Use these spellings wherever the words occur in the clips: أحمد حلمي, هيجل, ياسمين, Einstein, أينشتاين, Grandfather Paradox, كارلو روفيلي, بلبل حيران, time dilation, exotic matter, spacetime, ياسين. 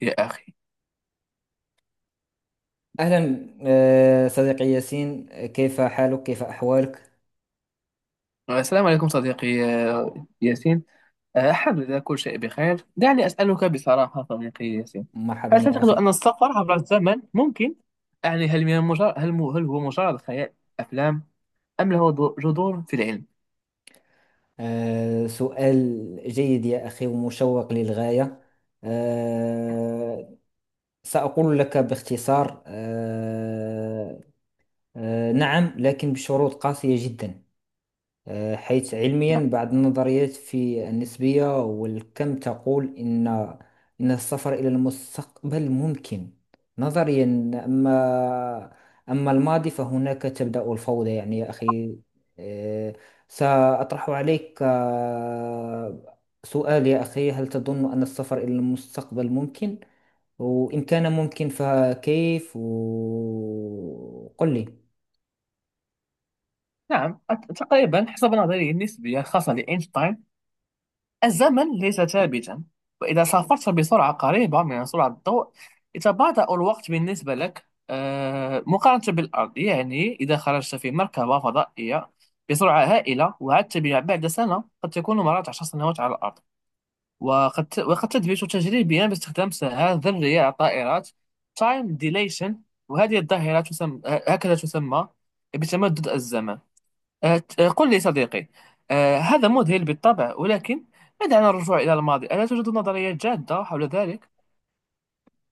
يا أخي، أهلا، صديقي ياسين، كيف حالك؟ كيف أحوالك؟ السلام عليكم صديقي، ياسين أحمد. كل شيء بخير. دعني أسألك بصراحة صديقي ياسين، مرحبا هل يا تعتقد أخي. أن السفر عبر الزمن ممكن؟ يعني هل من مجرد هل, مو- هل هو مجرد خيال أفلام، أم له جذور في العلم؟ سؤال جيد يا أخي ومشوق للغاية. آه، سأقول لك باختصار، نعم، لكن بشروط قاسية جدا. حيث نعم، علميا بعض النظريات في النسبية والكم تقول إن السفر إلى المستقبل ممكن نظريا. أما أما الماضي فهناك تبدأ الفوضى، يعني يا أخي. آه، سأطرح عليك سؤال يا أخي: هل تظن أن السفر إلى المستقبل ممكن؟ وإن كان ممكن فكيف؟ وقل لي. نعم، تقريبا حسب نظرية النسبية الخاصة لأينشتاين، الزمن ليس ثابتا. وإذا سافرت بسرعة قريبة من سرعة الضوء يتباطأ الوقت بالنسبة لك مقارنة بالأرض. يعني إذا خرجت في مركبة فضائية بسرعة هائلة وعدت بها بعد سنة، قد تكون مرات 10 سنوات على الأرض. وقد تثبت تجريبيا باستخدام ساعات ذرية على الطائرات time dilation. وهذه الظاهرة تسمى، تسمى بتمدد الزمن. آه، قل لي صديقي، هذا مذهل بالطبع، ولكن ما دعنا الرجوع إلى الماضي، ألا توجد نظريات جادة حول ذلك؟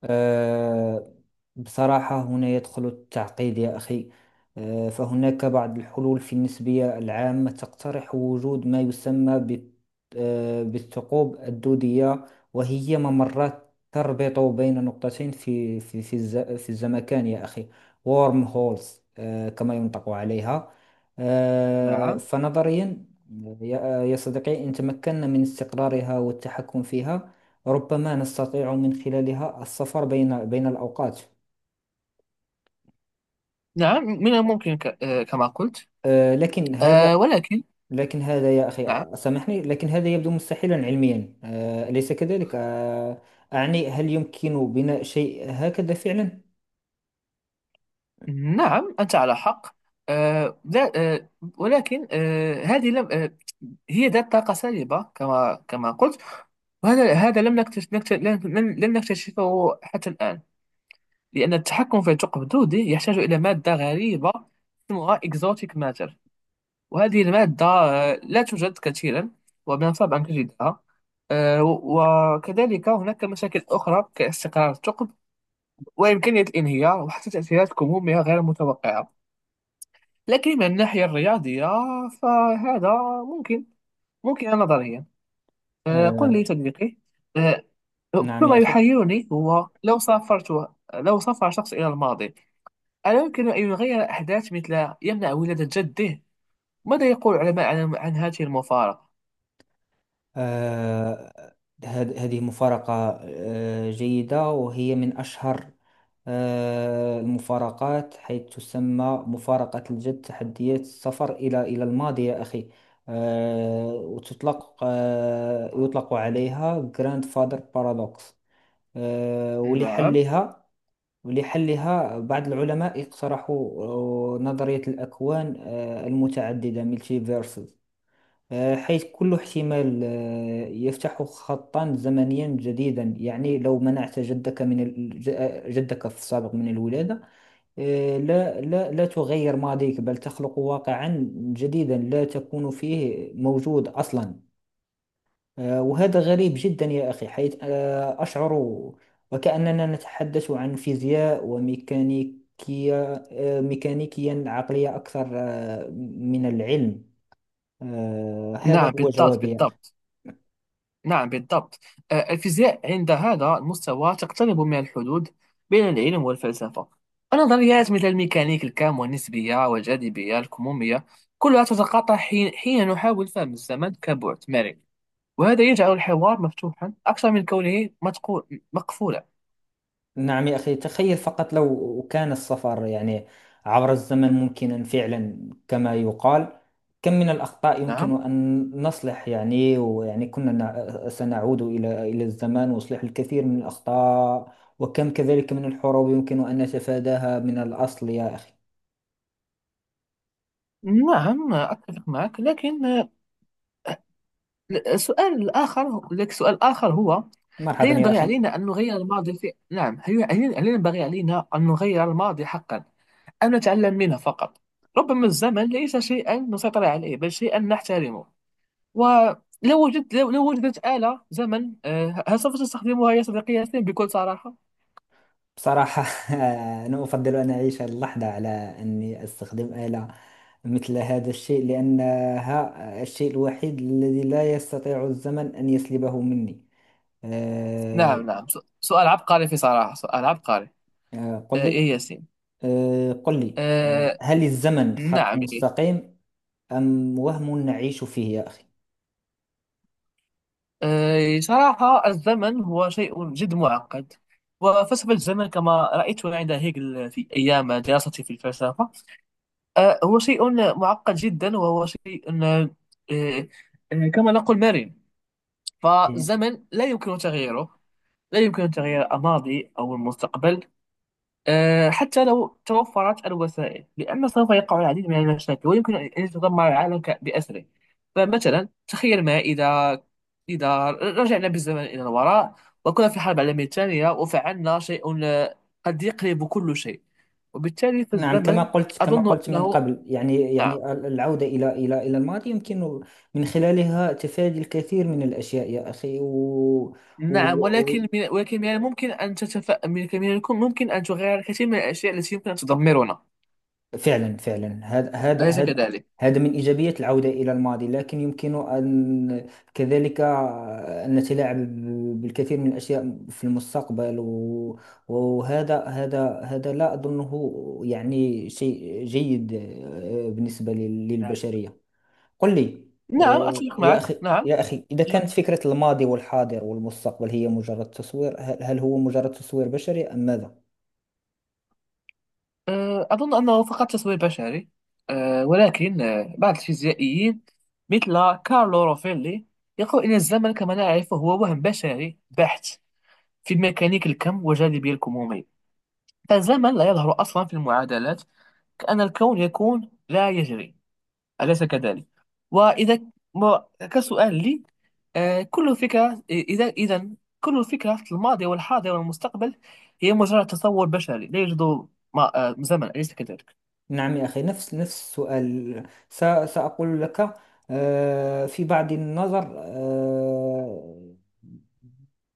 آه، بصراحة هنا يدخل التعقيد يا أخي. فهناك بعض الحلول في النسبية العامة تقترح وجود ما يسمى بالثقوب الدودية، وهي ممرات تربط بين نقطتين في الزمكان يا أخي، وورم هولز كما ينطق عليها. نعم، فنظريا يا يا صديقي، إن تمكنا من استقرارها والتحكم فيها ربما نستطيع من خلالها السفر بين الأوقات. نعم، من الممكن ك... آه، كما قلت. لكن هذا، ولكن، لكن هذا يا نعم، أخي سامحني، لكن هذا يبدو مستحيلا علميا، أليس كذلك؟ أعني هل يمكن بناء شيء هكذا فعلا؟ نعم، أنت على حق. لا، آه، ولكن آه، هذه لم، هي ذات طاقة سالبة كما قلت. وهذا لم نكتشف نكت- لن لن- لن نكتشفه حتى الآن. لأن التحكم في الثقب الدودي يحتاج إلى مادة غريبة اسمها exotic matter. وهذه المادة لا توجد كثيرا، ومن الصعب أن تجدها. وكذلك هناك مشاكل أخرى كاستقرار الثقب وإمكانية الانهيار، وحتى تأثيرات كمومية غير متوقعة. لكن من الناحية الرياضية فهذا ممكن، ممكن نظريا. قل لي آه، صديقي، آه، كل نعم يا ما أخي. يحيرني هو لو سافر شخص إلى الماضي، ألا يمكن أن يغير أحداث، مثل يمنع ولادة جده؟ ماذا يقول العلماء عن هذه المفارقة؟ آه، هذه مفارقة جيدة، وهي من أشهر المفارقات، حيث تسمى مفارقة الجد، تحديات السفر إلى الماضي يا أخي. آه، وتطلق آه، يطلق عليها Grandfather Paradox. آه، نعم، ولحلها ولحلها بعض العلماء اقترحوا نظرية الأكوان المتعددة، multiverses، حيث كل احتمال يفتح خطا زمنيا جديدا. يعني لو منعت جدك في السابق من الولادة، لا لا، لا تغير ماضيك، بل تخلق واقعا جديدا لا تكون فيه موجود أصلا. وهذا غريب جدا يا أخي، حيث أشعر وكأننا نتحدث عن فيزياء وميكانيكية، ميكانيكيا عقلية أكثر من العلم. هذا نعم، هو بالضبط، جوابي. بالضبط. نعم، بالضبط. الفيزياء عند هذا المستوى تقترب من الحدود بين العلم والفلسفة. النظريات مثل الميكانيك الكم والنسبية والجاذبية الكمومية كلها تتقاطع حين نحاول فهم الزمن كبعد مرن. وهذا يجعل الحوار مفتوحا أكثر من كونه مقفولا. نعم يا أخي، تخيل فقط لو كان السفر، يعني عبر الزمن، ممكنا فعلا كما يقال، كم من الأخطاء نعم، يمكن أن نصلح، يعني، سنعود إلى الزمان وإصلاح الكثير من الأخطاء، وكم كذلك من الحروب يمكن أن نتفاداها من الأصل يا أخي. نعم، أتفق معك، لكن السؤال الآخر، لك سؤال آخر هو: هل مرحبا يا ينبغي أخي. علينا أن نغير الماضي في نعم، هل ينبغي علينا أن نغير الماضي حقا، أم نتعلم منه فقط؟ ربما الزمن ليس شيئا نسيطر عليه بل شيئا نحترمه. ولو وجدت لو لو وجدت آلة زمن، هل سوف تستخدمها يا صديقي ياسين بكل صراحة؟ بصراحة، أنا أفضل أن أعيش هذه اللحظة على أني أستخدم آلة مثل هذا الشيء، لأنها الشيء الوحيد الذي لا يستطيع الزمن أن يسلبه مني. أه، نعم، نعم، سؤال عبقري. في صراحة، سؤال عبقري. أه، قل يا لي، ياسين، قل لي، آه، هل الزمن خط نعم، إيه. مستقيم أم وهم نعيش فيه يا أخي؟ صراحة الزمن هو شيء جد معقد، وفلسفة الزمن كما رأيتها عند هيجل في أيام دراستي في الفلسفة، هو شيء معقد جدا. وهو شيء أه، أه، كما نقول مرن. إيه. فالزمن لا يمكن تغييره. لا يمكن تغيير الماضي أو المستقبل، حتى لو توفرت الوسائل، لأن سوف يقع العديد من المشاكل، ويمكن أن يتدمر العالم بأسره. فمثلا تخيل ما إذا رجعنا بالزمن إلى الوراء وكنا في الحرب العالمية الثانية، وفعلنا شيء قد يقلب كل شيء. وبالتالي نعم، فالزمن كما قلت، كما أظن قلت من أنه. قبل، يعني نعم، يعني العودة إلى الماضي يمكن من خلالها تفادي الكثير من الأشياء يا أخي و... نعم. و... ولكن من الممكن أن تتف من من الكم- ممكن أن تغير الكثير من الأشياء التي يمكن أن تدمرنا. فعلا، فعلا، هذا، هذا أليس هذا كذلك؟ هذا من إيجابيات العودة إلى الماضي، لكن يمكن أن كذلك أن نتلاعب بالكثير من الأشياء في المستقبل، وهذا، هذا هذا لا أظنه يعني شيء جيد بالنسبة نعم، للبشرية. قل لي نعم، أتفق يا معك. أخي، نعم. يا أخي، إذا نعم. كانت فكرة الماضي والحاضر والمستقبل هي مجرد تصوير، هل هو مجرد تصوير بشري أم ماذا؟ أظن أنه فقط تسوير بشري. ولكن بعض الفيزيائيين مثل كارلو روفيلي يقول إن الزمن كما نعرفه هو وهم بشري بحت. في ميكانيك الكم والجاذبية الكمومية، فالزمن لا يظهر أصلا في المعادلات، كأن الكون يكون لا يجري. أليس كذلك؟ وإذا كسؤال لي: كل فكرة إذا إذا كل فكرة في الماضي والحاضر والمستقبل هي مجرد تصور بشري. لا يوجد ما- أه، زمن، أليس كذلك؟ نعم يا أخي، نفس السؤال. س- سأقول لك، في بعض النظر،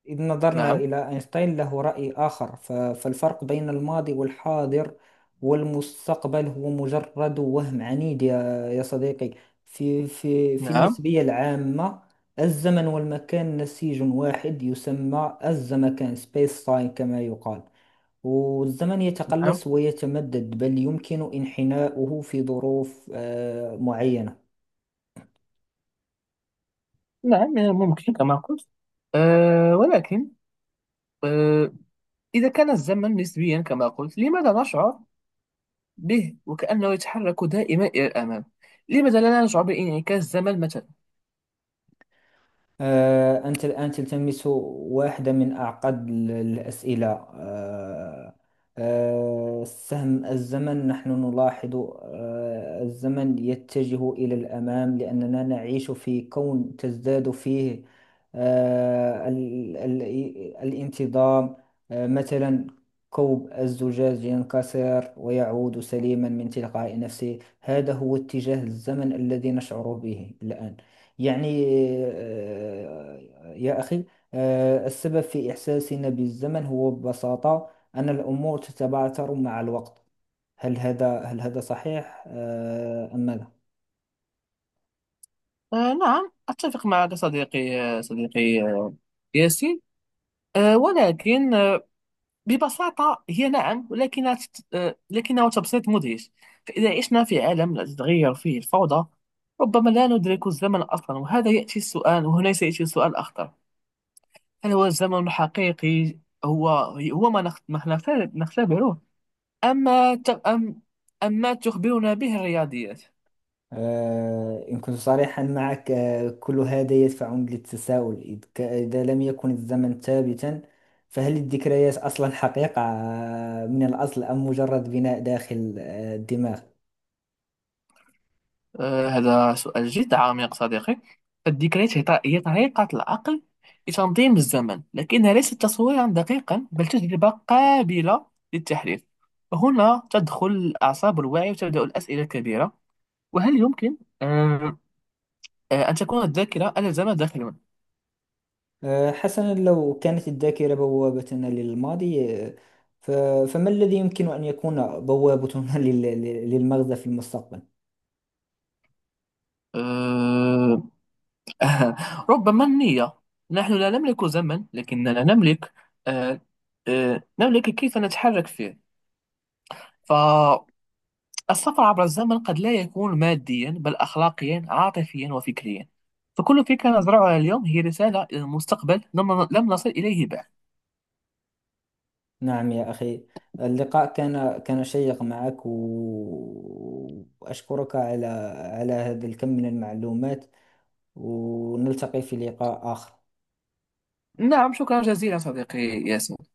إذ نظرنا نعم، إلى أينشتاين له رأي آخر. فالفرق بين الماضي والحاضر والمستقبل هو مجرد وهم عنيد يا صديقي. في نعم، النسبية العامة الزمن والمكان نسيج واحد يسمى الزمكان، سبيس تايم كما يقال، والزمن نعم، يتقلص ويتمدد، بل يمكن انحناؤه في ظروف معينة. نعم، ممكن كما قلت. ولكن، أه إذا كان الزمن نسبيا كما قلت، لماذا نشعر به وكأنه يتحرك دائما إلى الأمام؟ لماذا لا نشعر بانعكاس الزمن مثلا؟ أنت الآن تلتمس واحدة من أعقد الأسئلة. آه، سهم الزمن، نحن نلاحظ الزمن يتجه إلى الأمام لأننا نعيش في كون تزداد فيه آه، ال- ال- الانتظام. مثلا، كوب الزجاج ينكسر ويعود سليما من تلقاء نفسه، هذا هو اتجاه الزمن الذي نشعر به الآن، يعني آه، يا أخي. السبب في إحساسنا بالزمن هو ببساطة أن الأمور تتبعثر مع الوقت. هل هذا، هل هذا صحيح أم ماذا؟ نعم، أتفق معك صديقي، ياسين. ولكن ببساطة هي، نعم، ولكنها تت- آه، لكنه تبسيط مدهش. فإذا عشنا في عالم لا تتغير فيه الفوضى ربما لا ندرك الزمن أصلا. وهذا يأتي السؤال وهنا سيأتي السؤال الأخطر: هل هو الزمن الحقيقي، هو هو ما نخ- ما نخت- نختبره، أما ت- أم أما تخبرنا به الرياضيات؟ إن كنت صريحا معك، كل هذا يدفعني للتساؤل، إذا لم يكن الزمن ثابتا فهل الذكريات أصلا حقيقة من الأصل، أم مجرد بناء داخل الدماغ؟ هذا سؤال جد عميق صديقي. الذكريات هي طريقة العقل لتنظيم الزمن، لكنها ليست تصويرا دقيقا بل تجربة قابلة للتحليل. هنا تدخل الأعصاب والوعي، وتبدأ الأسئلة الكبيرة. وهل يمكن آه، أن تكون الذاكرة ألا زمن داخل. حسنا، لو كانت الذاكرة بوابتنا للماضي، ف- فما الذي يمكن أن يكون بوابتنا للمغزى في المستقبل؟ آه، ربما النية. نحن لا نملك زمن، لكننا نملك آه، آه، نملك كيف نتحرك فيه. ف السفر عبر الزمن قد لا يكون ماديا، بل أخلاقيا عاطفيا وفكريا. فكل فكرة نزرعها اليوم هي رسالة إلى المستقبل لم نصل إليه بعد. نعم يا أخي، اللقاء كان، كان شيق معك، وأشكرك على على هذا الكم من المعلومات، ونلتقي في لقاء آخر. نعم، شكرا جزيلا صديقي ياسر.